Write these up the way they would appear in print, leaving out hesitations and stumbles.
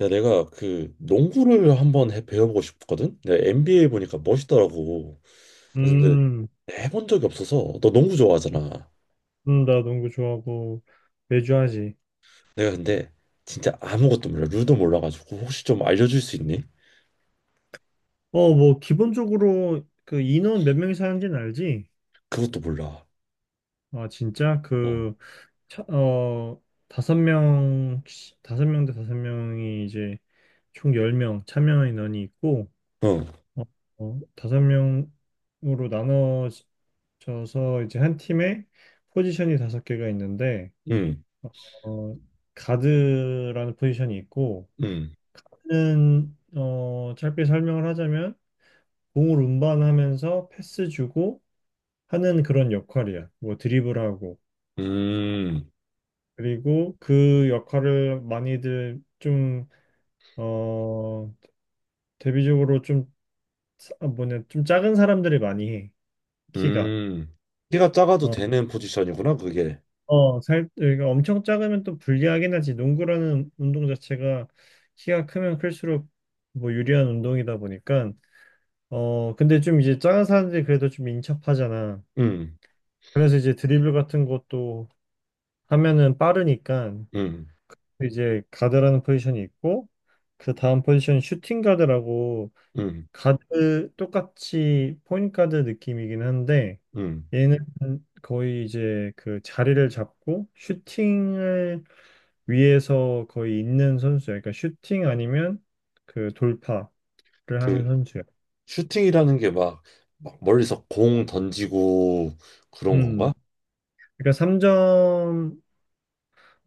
야, 내가 그 농구를 한번 배워보고 싶거든? 내가 NBA 보니까 멋있더라고. 그래서 근데 음, 해본 적이 없어서 너 농구 좋아하잖아. 나 농구 좋아하고 매주 하지. 내가 근데 진짜 아무것도 몰라. 룰도 몰라가지고 혹시 좀 알려줄 수 있니? 뭐 기본적으로 그 인원 몇 명이 사는지는 알지? 그것도 몰라. 아, 진짜 어, 그 차, 어, 다섯 명 다섯 명 대 다섯 명이 이제 총 10명 참여 인원이 있고 어, 어, 다섯 명으로 나눠져서 이제 한 팀에 포지션이 다섯 개가 있는데 음, 어, 가드라는 포지션이 있고 음, 는 짧게 설명을 하자면 공을 운반하면서 패스 주고 하는 그런 역할이야. 뭐 드리블하고. 음, 그리고 그 역할을 많이들 좀, 어, 대비적으로 좀, 아, 뭐냐, 좀 작은 사람들이 많이 해. 키가. 음. 키가 작아도 어, 되는 포지션이구나, 그게. 그러니까 엄청 작으면 또 불리하긴 하지. 농구라는 운동 자체가 키가 크면 클수록 뭐 유리한 운동이다 보니까. 근데 좀 이제 작은 사람들이 그래도 좀 인첩하잖아. 음, 그래서 이제 드리블 같은 것도 하면은 빠르니까 음, 이제 가드라는 포지션이 있고 그 다음 포지션 슈팅 가드라고 음, 가드 똑같이 포인트 가드 느낌이긴 한데 음. 얘는 거의 이제 그 자리를 잡고 슈팅을 위해서 거의 있는 선수야. 그러니까 슈팅 아니면 그 돌파를 하는 그 선수야. 슈팅이라는 게 막 멀리서 공 던지고 그런 건가? 음. 그러니까 삼점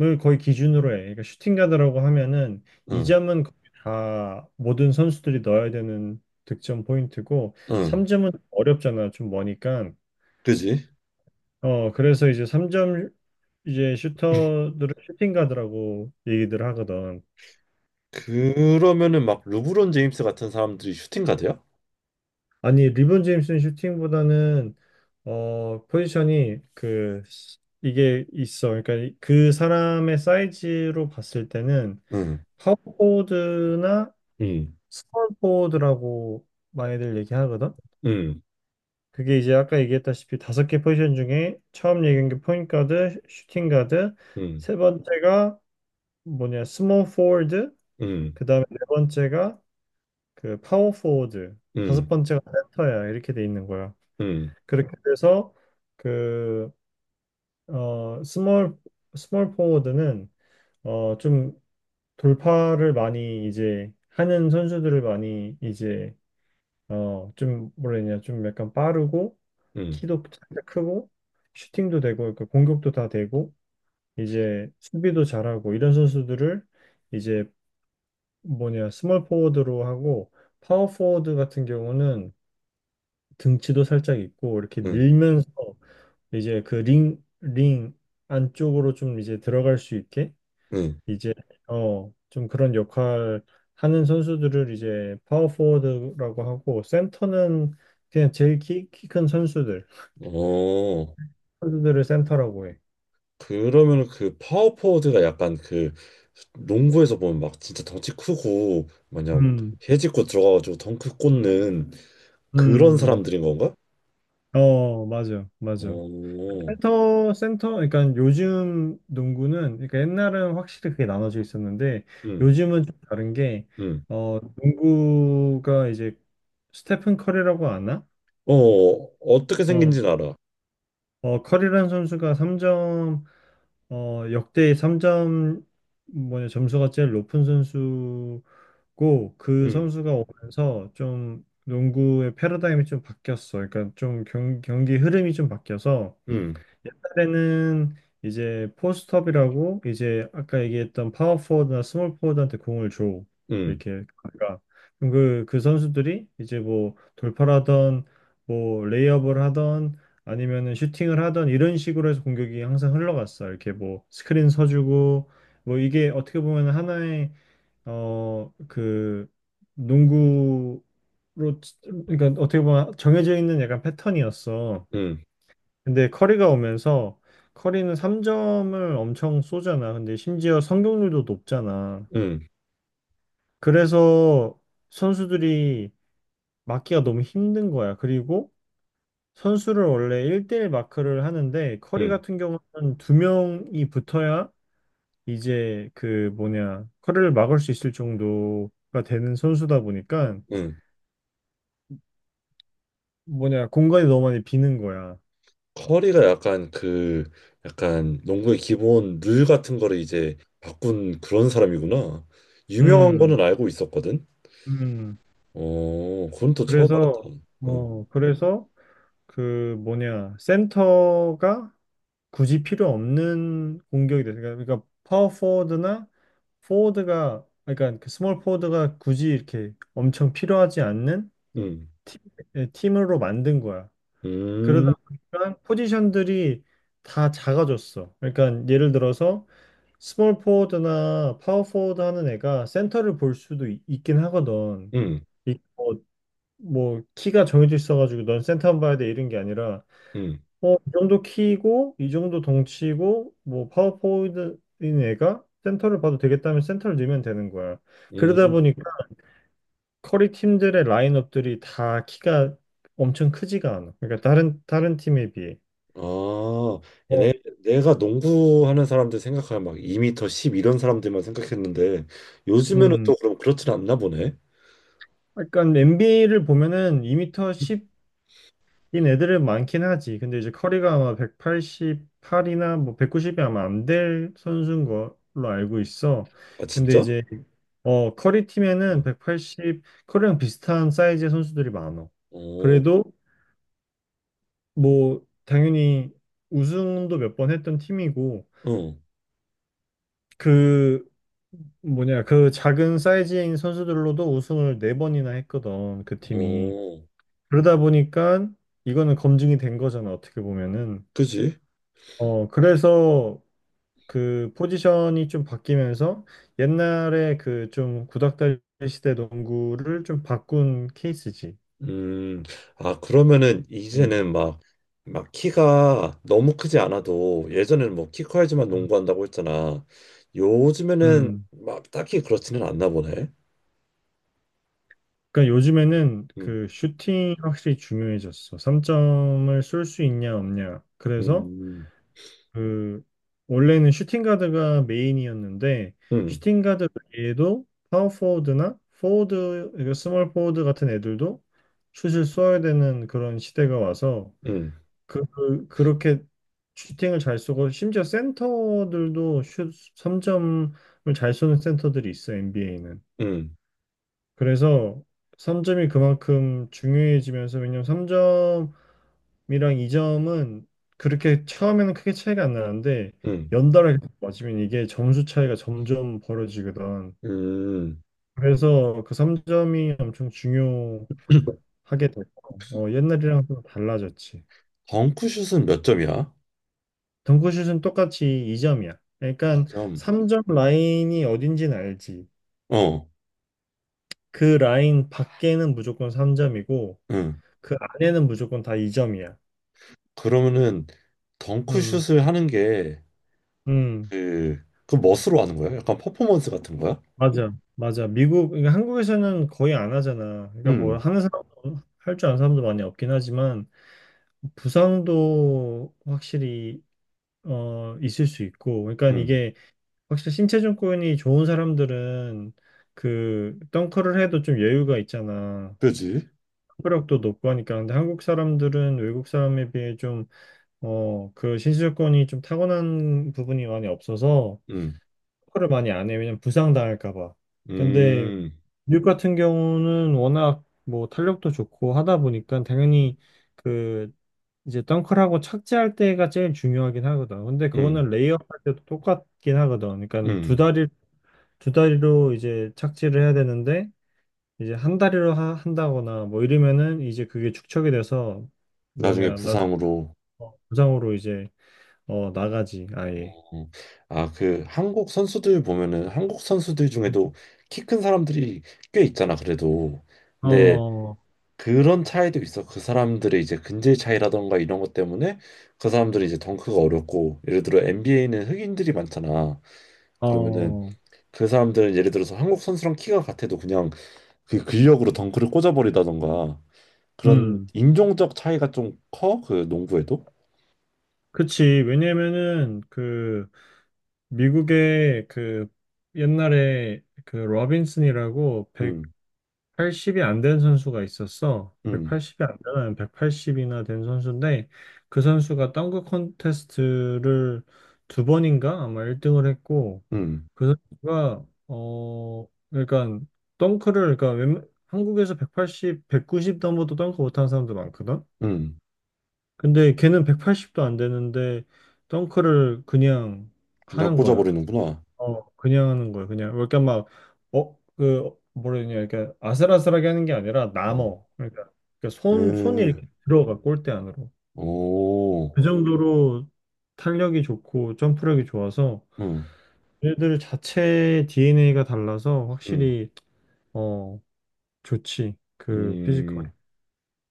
을 거의 기준으로 해. 그러니까 슈팅 가드라고 하면은 응, 이점은 거의 다 모든 선수들이 넣어야 되는 득점 포인트고 응. 삼점은 어렵잖아. 좀 머니까. 그지? 그래서 이제 삼점 이제 슈터들을 슈팅 가드라고 얘기들 하거든. 그러면은 막 르브론 제임스 같은 사람들이 슈팅 가드야? 아니, 리본 제임스는 슈팅보다는 포지션이 그 이게 있어. 그러니까 그 사람의 사이즈로 봤을 때는 응, 파워포워드나 응, 스몰포워드라고 많이들 얘기하거든. 응, 그게 이제 아까 얘기했다시피 다섯 개 포지션 중에 처음 얘기한 게 포인트 가드, 슈팅 가드, 응, 세 번째가 뭐냐 스몰 포워드, 응, 그다음에 네 번째가 그 파워 포워드, 다섯 응, 번째가 센터야 이렇게 돼 있는 거야. 응, 그렇게 돼서 그 어 스몰 스몰 포워드는 좀 돌파를 많이 이제 하는 선수들을 많이 이제 좀 뭐라 해야 되냐 좀 약간 빠르고 응, 키도 살짝 크고 슈팅도 되고 그러니까 공격도 다 되고 이제 수비도 잘하고 이런 선수들을 이제 뭐냐 스몰 포워드로 하고 파워 포워드 같은 경우는 등치도 살짝 있고 이렇게 응, 밀면서 이제 그 링 안쪽으로 좀 이제 들어갈 수 있게 응. 이제 좀 그런 역할 하는 선수들을 이제 파워포워드라고 하고 센터는 그냥 제일 키 큰 어, 선수들을 센터라고 해. 그러면은 그 파워포워드가 약간 그 농구에서 보면 막 진짜 덩치 크고 마냥 음. 해집고 들어가가지고 덩크 꽂는 그런 음. 사람들인 건가? 어, 맞아, 맞아. 어, 센터, 그러니까 요즘 농구는, 그러니까 옛날은 확실히 그게 나눠져 있었는데, 응, 요즘은 좀 다른 게, 응. 농구가 이제 스테픈 커리라고 아나? 어, 어떻게 어, 생긴지는 알아. 커리라는 선수가 3점 역대 3점 뭐냐 점수가 제일 높은 선수고 그 응, 선수가 오면서 좀 농구의 패러다임이 좀 바뀌었어. 그러니까 좀 경기 흐름이 좀 바뀌어서 응, 옛날에는 이제 포스트업이라고 이제 아까 얘기했던 파워포워드나 스몰포워드한테 공을 줘 응, 이렇게 그러니까 그럼 그 선수들이 이제 뭐 돌파하던 뭐 레이업을 하던 아니면은 슈팅을 하던 이런 식으로 해서 공격이 항상 흘러갔어. 이렇게 뭐 스크린 서주고 뭐 이게 어떻게 보면 하나의 어 그 농구로 그러니까 어떻게 보면 정해져 있는 약간 패턴이었어. 응, 근데 커리가 오면서 커리는 3점을 엄청 쏘잖아. 근데 심지어 성공률도 높잖아. 응, 그래서 선수들이 막기가 너무 힘든 거야. 그리고 선수를 원래 1대1 마크를 하는데 커리 응, 같은 경우는 두 명이 붙어야 이제 그 뭐냐 커리를 막을 수 있을 정도가 되는 선수다 보니까 응. 뭐냐 공간이 너무 많이 비는 거야. 커리가 약간 그 약간 농구의 기본 룰 같은 거를 이제 바꾼 그런 사람이구나. 유명한 음. 거는 알고 있었거든. 음. 어, 그건 또 처음 알았다. 그래서 응, 그래서 그 뭐냐 센터가 굳이 필요 없는 공격이 돼. 그러니까 파워 포워드나 포워드가 그러니까 그 스몰 포워드가 굳이 이렇게 엄청 필요하지 않는 응, 팀, 예, 팀으로 만든 거야. 음, 그러다 보니까 포지션들이 다 작아졌어. 그러니까 예를 들어서 스몰 포워드나 파워 포워드 하는 애가 센터를 볼 수도 있, 긴 하거든. 응, 이- 뭐, 뭐 키가 정해져 있어가지고 넌 센터만 봐야 돼 이런 게 아니라 응, 이 정도 키고, 이 정도 덩치고, 뭐, 파워포워드인 애가 센터를 봐도 되겠다면 센터를 넣으면 되는 거야. 그러다 응. 보니까 커리 팀들의 라인업들이 다 키가 엄청 크지가 않아. 그러니까 다른 팀에 비해. 아, 어, 내, 내가 농구하는 사람들 생각하면 막 2미터 10 이런 사람들만 생각했는데 요즘에는 음. 또 그럼 그렇진 않나 보네. 약간 NBA를 보면은 2m 10인 애들은 많긴 하지. 근데 이제 커리가 아마 188이나 뭐 190이 아마 안 될 선수인 걸로 알고 있어. 아, 근데 진짜? 이제 커리 팀에는 180, 커리랑 비슷한 사이즈의 선수들이 많아. 어, 그래도 뭐 당연히 우승도 몇 번 했던 팀이고 어, 그 뭐냐 그 작은 사이즈인 선수들로도 우승을 네 번이나 했거든 그 팀이. 어, 그러다 보니까 이거는 검증이 된 거잖아 어떻게 보면은. 그지? 그래서 그 포지션이 좀 바뀌면서 옛날에 그 좀 구닥다리 시대 농구를 좀 바꾼 케이스지. 음, 아, 그러면은 음. 이제는 막, 키가 너무 크지 않아도 예전에는 뭐 키 커야지만 농구한다고 했잖아. 요즘에는 음, 막 딱히 그렇지는 않나 보네. 그러니까 요즘에는 음, 그 슈팅 확실히 중요해졌어. 3점을 쏠 수 있냐 없냐. 그래서 음, 그 원래는 슈팅 가드가 메인이었는데 음, 슈팅 가드 외에도 파워 포워드나 포워드, 그러니까 스몰 포워드 같은 애들도 슛을 쏘아야 되는 그런 시대가 와서 음, 그렇게 슈팅을 잘 쏘고 심지어 센터들도 슛 3점을 잘 쏘는 센터들이 있어 NBA는. 음, 그래서 3점이 그만큼 중요해지면서 왜냐면 3점이랑 2점은 그렇게 처음에는 크게 차이가 안 나는데 음, 연달아 계속 맞으면 이게 점수 차이가 점점 벌어지거든. 음. 그래서 그 3점이 엄청 중요하게 됐고 옛날이랑 좀 달라졌지. 덩크슛은 몇 점이야? 덩크슛은 똑같이 2점이야. 그러니까 2점. 3점 라인이 어딘지는 알지. 어, 그 라인 밖에는 무조건 3점이고 응. 그 안에는 무조건 다 2점이야. 그러면은 음. 덩크슛을 하는 게 음. 그 멋으로 하는 거야? 약간 퍼포먼스 같은 거야? 맞아, 맞아. 미국, 그러니까 한국에서는 거의 안 하잖아. 그러니까 뭐 응, 하는 사람, 도 할 줄 아는 사람도 많이 없긴 하지만 부상도 확실히 있을 수 있고, 그러니까 응. 이게 확실히 신체 조건이 좋은 사람들은 그 덩크를 해도 좀 여유가 있잖아. 그지? 회복력도 높고 하니까. 근데 한국 사람들은 외국 사람에 비해 좀 그 신체 조건이 좀 타고난 부분이 많이 없어서 응. 덩크를 많이 안 해. 왜냐면 부상 당할까 봐. 근데 음, 뉴욕 같은 경우는 워낙 뭐 탄력도 좋고 하다 보니까 당연히 그 이제 덩크하고 착지할 때가 제일 중요하긴 하거든. 근데 음, 그거는 레이업 할 때도 똑같긴 하거든. 그러니까 음. 두 다리로 이제 착지를 해야 되는데 이제 한 다리로 한다거나 뭐 이러면은 이제 그게 축척이 돼서 나중에 뭐냐 나중에 부상으로. 뭐 부상으로 이제 나가지 아예. 어. 아, 그 한국 선수들 보면은 한국 선수들 중에도 키 큰 사람들이 꽤 있잖아, 그래도. 근데 어, 그런 차이도 있어. 그 사람들의 이제 근질 차이라던가 이런 것 때문에 그 사람들이 이제 덩크가 어렵고, 예를 들어 NBA는 흑인들이 많잖아. 그러면은 어, 그 사람들은 예를 들어서 한국 선수랑 키가 같아도 그냥 그 근력으로 덩크를 꽂아버리다던가 그런 음, 인종적 차이가 좀 커? 그 농구에도? 그치. 왜냐면은, 그, 미국에 그 옛날에 그 로빈슨이라고 음. 180이 안된 선수가 있었어. 음, 180이 안 되는 180이나 된 선수인데 그 선수가 덩크 콘테스트를 두 번인가 아마 1등을 했고 음, 그 선수가 그러니까 덩크를 그러니까 한국에서 180, 190 넘어도 덩크 못하는 사람도 많거든. 음. 근데 걔는 180도 안 되는데 덩크를 그냥 그냥 하는 거야. 꽂아버리는구나. 그냥 하는 거예요. 그냥 그러니까 막 그 뭐라 냐 이렇게 아슬아슬하게 하는 게 아니라 음. 남어. 그러니까 손 손이 이렇게 에, 들어가 골대 안으로. 오, 그 정도로 탄력이 좋고 점프력이 좋아서 음, 얘들 자체 DNA가 달라서 음, 확실히 어 좋지. 그 피지컬이. 음.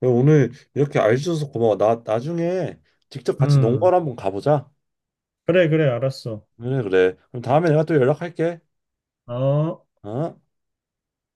그럼 오늘 이렇게 알려줘서 고마워. 나 나중에 직접 같이 음. 농가를 한번 가보자. 그래, 그래, 알았어. 그래, 그래. 그럼 다음에 내가 또 연락할게. 어. 어?